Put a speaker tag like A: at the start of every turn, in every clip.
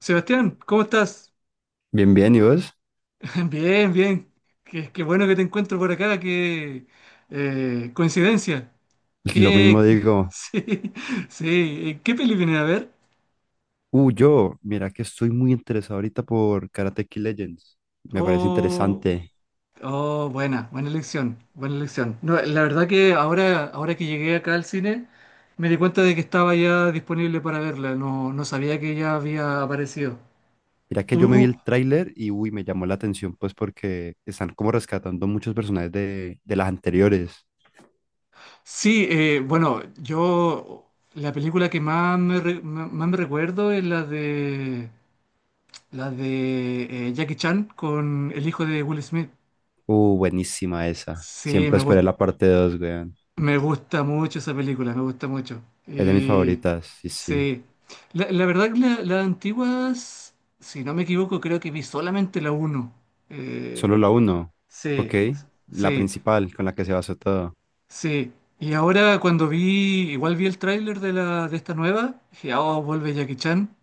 A: Sebastián, ¿cómo estás?
B: Bien, bien, ¿y vos?
A: Bien, bien. Qué bueno que te encuentro por acá. Qué Coincidencia.
B: Lo mismo
A: Qué,
B: digo.
A: sí, sí. ¿Qué peli viene a ver?
B: Mira que estoy muy interesado ahorita por Karate Kid Legends. Me parece
A: Oh,
B: interesante.
A: oh, buena elección, buena elección. No, la verdad que ahora que llegué acá al cine, me di cuenta de que estaba ya disponible para verla. No, no sabía que ya había aparecido.
B: Mira que yo me vi
A: ¿Tú?
B: el tráiler y uy, me llamó la atención pues porque están como rescatando muchos personajes de las anteriores.
A: Sí, bueno, yo la película que más más me recuerdo es la de Jackie Chan con el hijo de Will Smith.
B: Buenísima esa.
A: Sí,
B: Siempre esperé la parte 2, weón.
A: me gusta mucho esa película, me gusta mucho.
B: Es de mis favoritas, sí, sí.
A: Sí, la, la verdad que las antiguas, si no me equivoco, creo que vi solamente la 1.
B: Solo la uno. Ok,
A: Sí,
B: la
A: sí.
B: principal con la que se basó todo.
A: Sí, y ahora cuando vi, igual vi el tráiler de la de esta nueva, dije, oh, vuelve Jackie Chan,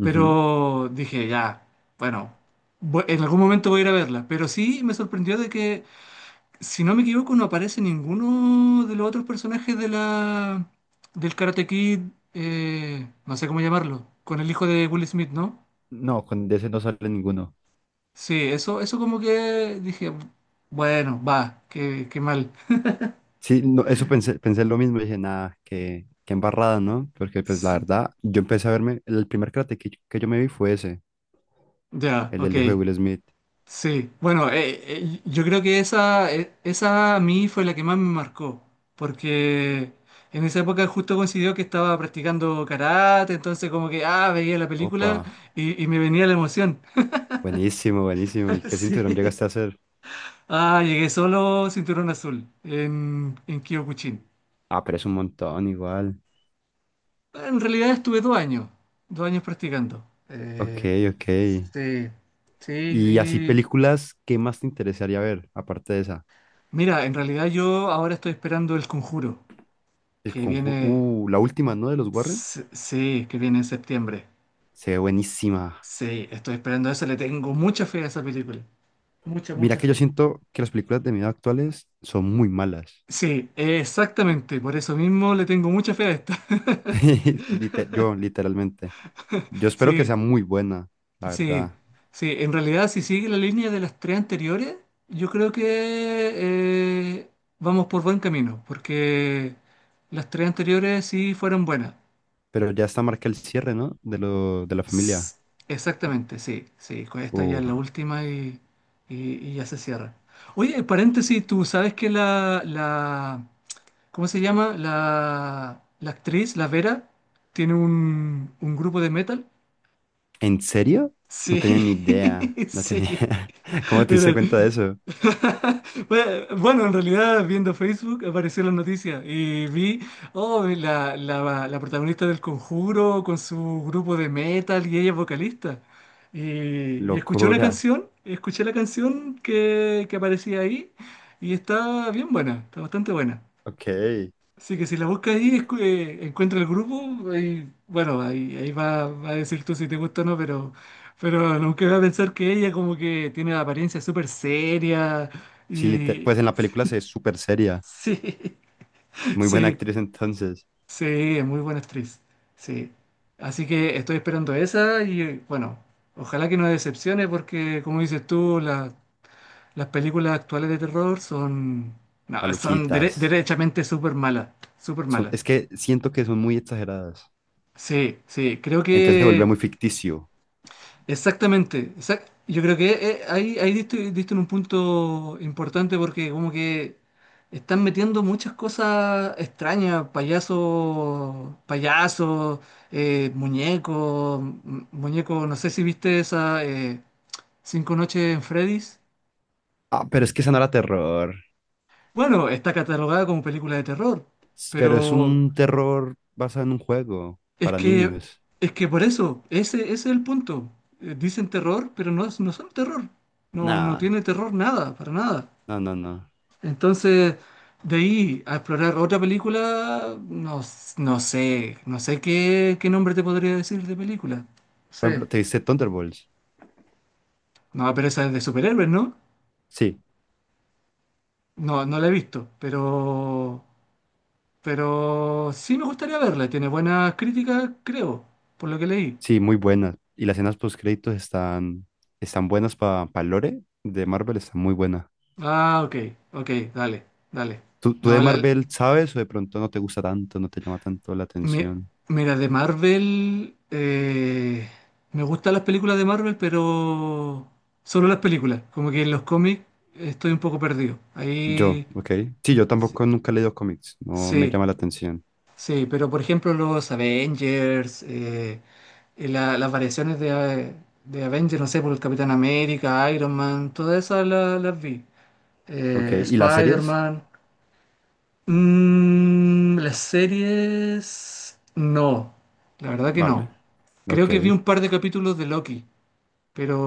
B: Ujú.
A: pero dije, ya, bueno, en algún momento voy a ir a verla, pero sí me sorprendió de que, si no me equivoco, no aparece ninguno de los otros personajes de la del Karate Kid, no sé cómo llamarlo, con el hijo de Will Smith, ¿no?
B: No, con de ese no sale ninguno.
A: Sí, eso como que dije, bueno, va, qué, qué mal.
B: Sí, no, eso pensé lo mismo, dije, nada, qué embarrada, ¿no? Porque pues la
A: S-
B: verdad, yo empecé a verme, el primer Karate Kid que yo me vi fue ese,
A: Ya,
B: el
A: ok.
B: del hijo de Will Smith.
A: Sí, bueno, yo creo que esa, esa a mí fue la que más me marcó, porque en esa época justo coincidió que estaba practicando karate, entonces como que, ah, veía la
B: Opa,
A: película y me venía la emoción.
B: buenísimo, buenísimo. ¿Y qué cinturón
A: Sí.
B: llegaste a hacer?
A: Ah, llegué solo cinturón azul en Kyokushin.
B: Ah, pero es un montón igual.
A: En realidad estuve 2 años, 2 años practicando.
B: Ok,
A: Eh,
B: ok.
A: sí, sí,
B: Y así
A: y
B: películas, ¿qué más te interesaría ver aparte de esa?
A: mira, en realidad yo ahora estoy esperando el conjuro,
B: El
A: que
B: conjuro,
A: viene...
B: la última, ¿no? De los Warren.
A: Sí, sí, que viene en septiembre.
B: Se ve buenísima.
A: Sí, estoy esperando eso. Le tengo mucha fe a esa película. Mucha,
B: Mira
A: mucha
B: que yo
A: fe.
B: siento que las películas de miedo actuales son muy malas.
A: Sí, exactamente. Por eso mismo le tengo mucha fe a esta.
B: Yo, literalmente. Yo espero que
A: Sí,
B: sea muy buena, la
A: sí,
B: verdad.
A: sí. En realidad, si sigue la línea de las tres anteriores, yo creo que eh, vamos por buen camino, porque las tres anteriores sí fueron buenas.
B: Pero ya está marca el cierre, ¿no? De la
A: S-
B: familia.
A: Exactamente, sí, sí. Con esta ya es
B: Uf.
A: la última y ya se cierra. Oye, paréntesis, ¿tú sabes que ¿cómo se llama? La actriz, la Vera, tiene un grupo de metal.
B: ¿En serio? No
A: Sí,
B: tenía ni idea. No tenía.
A: sí.
B: ¿Cómo te diste
A: Mira,
B: cuenta de eso?
A: bueno, en realidad viendo Facebook apareció la noticia y vi, oh, la protagonista del Conjuro con su grupo de metal y ella es vocalista. Y, y escuché una
B: Locura.
A: canción, escuché la canción que aparecía ahí y está bien buena, está bastante buena.
B: Ok.
A: Así que si la buscas ahí, encuentra el grupo, ahí, bueno, ahí, ahí va, va a decir tú si te gusta o no, pero nunca va a pensar que ella como que tiene la apariencia súper seria
B: Sí,
A: y...
B: pues en la película se ve súper seria.
A: Sí,
B: Muy buena
A: sí,
B: actriz entonces.
A: sí, es muy buena actriz, sí. Así que estoy esperando esa y bueno, ojalá que no decepcione porque como dices tú, las películas actuales de terror son, no, son
B: Maluquitas.
A: derechamente súper malas, súper malas.
B: Es que siento que son muy exageradas.
A: Sí, sí, creo
B: Entonces se vuelve
A: que
B: muy ficticio.
A: exactamente. Yo creo que ahí, ahí diste, diste en un punto importante porque como que están metiendo muchas cosas extrañas, payasos, payasos, muñecos, muñecos, no sé si viste esa Cinco noches en Freddy's.
B: Ah, pero es que esa no era terror.
A: Bueno, está catalogada como película de terror,
B: Pero es
A: pero
B: un terror basado en un juego
A: Es
B: para
A: que,
B: niños.
A: es que por eso, ese es el punto. Dicen terror, pero no, no son terror. No, no
B: Nah,
A: tiene terror nada, para nada.
B: no, no, no.
A: Entonces, de ahí a explorar otra película, no, no sé, no sé qué, qué nombre te podría decir de película. Sí.
B: Por ejemplo, ¿te viste Thunderbolts?
A: No, pero esa es de superhéroes, ¿no?
B: Sí,
A: No, no la he visto, pero sí me gustaría verla. Tiene buenas críticas, creo, por lo que leí.
B: sí, muy buena. Y las escenas post créditos están, están buenas para Lore de Marvel, están muy buenas.
A: Ah, ok, ok, dale, dale.
B: ¿Tú
A: No,
B: de Marvel sabes o de pronto no te gusta tanto, no te llama tanto la
A: Mi-
B: atención?
A: mira, de Marvel, me gustan las películas de Marvel, pero solo las películas. Como que en los cómics estoy un poco perdido.
B: Yo,
A: Ahí
B: ok. Sí, yo
A: sí,
B: tampoco nunca he leído cómics, no me
A: sí,
B: llama la atención.
A: sí, pero por ejemplo los Avengers, y las variaciones de Avengers, no sé, por el Capitán América, Iron Man, todas esas las vi.
B: Ok, ¿y las series?
A: Spider-Man. Mm, las series... No, la verdad que
B: Vale,
A: no. Creo
B: ok.
A: que vi un par de capítulos de Loki,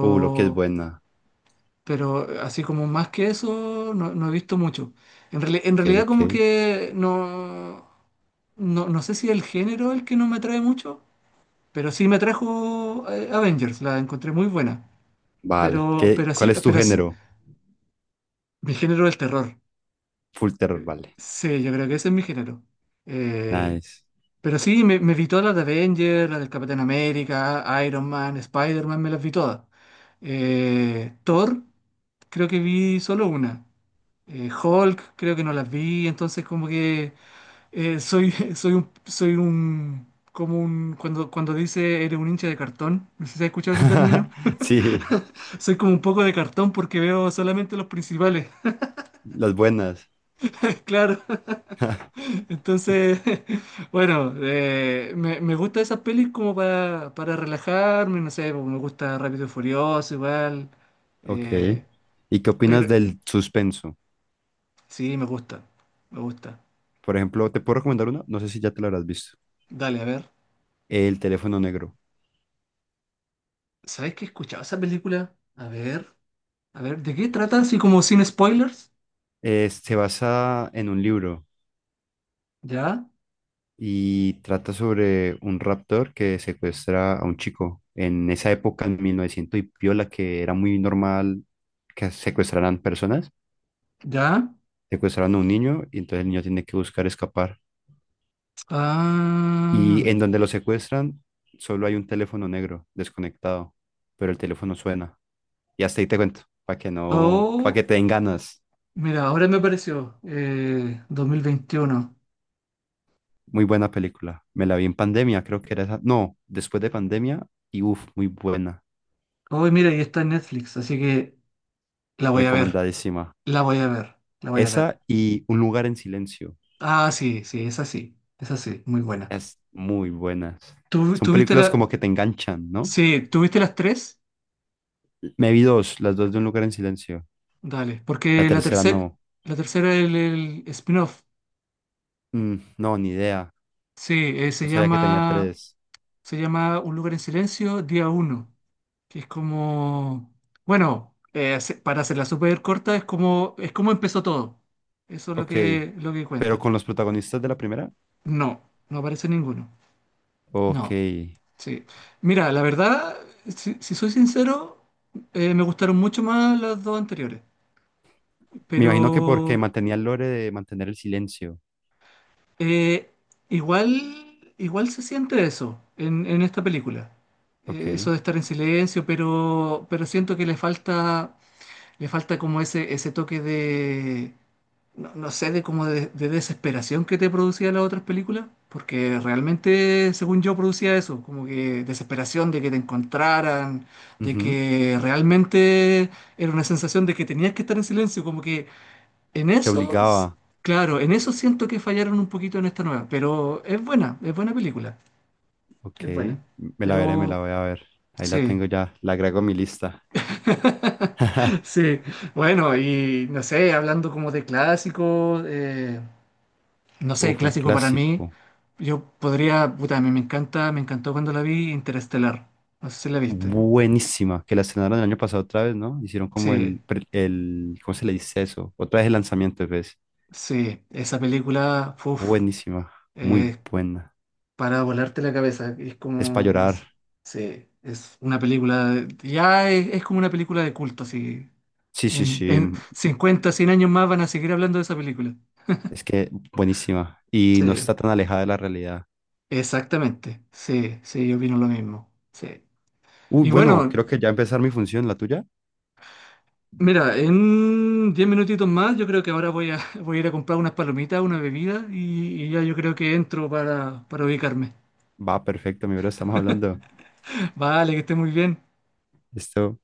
B: Lo que es buena.
A: pero así como más que eso, no, no he visto mucho. En
B: Ok,
A: realidad
B: ok.
A: como que no, no, no sé si el género es el que no me atrae mucho, pero sí me atrajo Avengers, la encontré muy buena.
B: Vale.
A: Pero,
B: ¿Qué,
A: pero sí,
B: cuál es tu
A: pero sí,
B: género?
A: mi género es el terror.
B: Full terror,
A: Eh,
B: vale.
A: Sí, yo creo que ese es mi género. Eh,
B: Nice.
A: Pero sí, me vi todas las de Avengers, las del Capitán América, Iron Man, Spider-Man, me las vi todas. Thor, creo que vi solo una. Hulk, creo que no las vi, entonces como que soy, soy un, como un, cuando, cuando dice eres un hincha de cartón, no sé si has escuchado ese término,
B: Sí,
A: soy como un poco de cartón porque veo solamente los principales,
B: las buenas.
A: claro. Entonces, bueno, me gusta esas pelis como para relajarme, no sé, pues, me gusta Rápido y Furioso igual,
B: Ok.
A: eh,
B: ¿Y qué opinas
A: pero
B: del suspenso?
A: sí, me gusta, me gusta.
B: Por ejemplo, te puedo recomendar una, no sé si ya te la habrás visto.
A: Dale, a ver,
B: El teléfono negro.
A: ¿sabes qué he escuchado esa película? A ver, ¿de qué trata? Así como sin spoilers,
B: Es se basa en un libro
A: ¿ya?
B: y trata sobre un raptor que secuestra a un chico. En esa época, en 1900 y piola, que era muy normal que secuestraran personas,
A: ¿Ya?
B: secuestraron a un niño y entonces el niño tiene que buscar escapar. Y
A: Ah,
B: en donde lo secuestran, solo hay un teléfono negro desconectado, pero el teléfono suena. Y hasta ahí te cuento, para que no, para que
A: oh,
B: te den ganas.
A: mira, ahora me apareció, 2021.
B: Muy buena película. Me la vi en pandemia, creo que era esa. No, después de pandemia y uff, muy buena.
A: Hoy, mira, y está en Netflix, así que la voy a ver.
B: Recomendadísima.
A: La voy a ver, la voy a ver.
B: Esa y Un lugar en silencio.
A: Ah, sí, sí, es así, muy buena.
B: Es muy buenas.
A: ¿Tú,
B: Son
A: tú viste
B: películas
A: la...
B: como que te enganchan, ¿no?
A: Sí, ¿tú viste las tres?
B: Me vi dos, las dos de Un lugar en silencio.
A: Dale,
B: La
A: porque
B: tercera no.
A: la tercera el spin-off.
B: Mm, no, ni idea.
A: Sí,
B: No sabía que tenía tres.
A: se llama Un lugar en silencio, día 1, que es como, bueno, para hacerla súper corta, es como empezó todo. Eso es
B: Ok.
A: lo que
B: Pero
A: cuenta.
B: con los protagonistas de la primera.
A: No, no aparece ninguno.
B: Ok.
A: No. Sí. Mira, la verdad, si, si soy sincero, me gustaron mucho más las dos anteriores.
B: Me
A: Pero
B: imagino que porque mantenía el lore de mantener el silencio.
A: eh, igual, igual se siente eso en esta película.
B: Ok.
A: Eso de estar en silencio, pero siento que le falta como ese toque de, no, no sé de cómo de desesperación que te producía las otras películas, porque realmente, según yo, producía eso, como que desesperación de que te encontraran, de
B: Ujú.
A: que realmente era una sensación de que tenías que estar en silencio, como que en
B: Te
A: eso,
B: obligaba.
A: claro, en eso siento que fallaron un poquito en esta nueva, pero es buena película,
B: Ok.
A: es buena,
B: Me la veré, me la
A: pero
B: voy a ver. Ahí la
A: sí,
B: tengo ya. La agrego a mi lista.
A: sí, bueno, y no sé, hablando como de clásicos, no sé,
B: Uf, un
A: clásico para mí.
B: clásico.
A: Yo podría, puta, a mí me encanta, me encantó cuando la vi Interestelar. No sé si la viste.
B: Buenísima. Que la estrenaron el año pasado otra vez, ¿no? Hicieron como
A: Sí,
B: el, ¿cómo se le dice eso? Otra vez el lanzamiento, ¿ves?
A: sí, esa película, uff,
B: Buenísima. Muy
A: es
B: buena.
A: para volarte la cabeza. Es
B: Es para
A: como, no
B: llorar.
A: sé, sí, es una película, ya es como una película de culto, así.
B: Sí, sí, sí.
A: En 50, 100 años más van a seguir hablando de esa película.
B: Es que buenísima. Y
A: Sí,
B: no está tan alejada de la realidad.
A: exactamente. Sí, sí, yo opino lo mismo. Sí.
B: Uy,
A: Y
B: bueno,
A: bueno.
B: creo que ya empezar mi función, la tuya.
A: Mira, en 10 minutitos más yo creo que ahora voy a, voy a ir a comprar unas palomitas, una bebida y ya yo creo que entro para ubicarme.
B: Va, perfecto, mi bro, estamos hablando.
A: Vale, que esté muy bien.
B: Esto.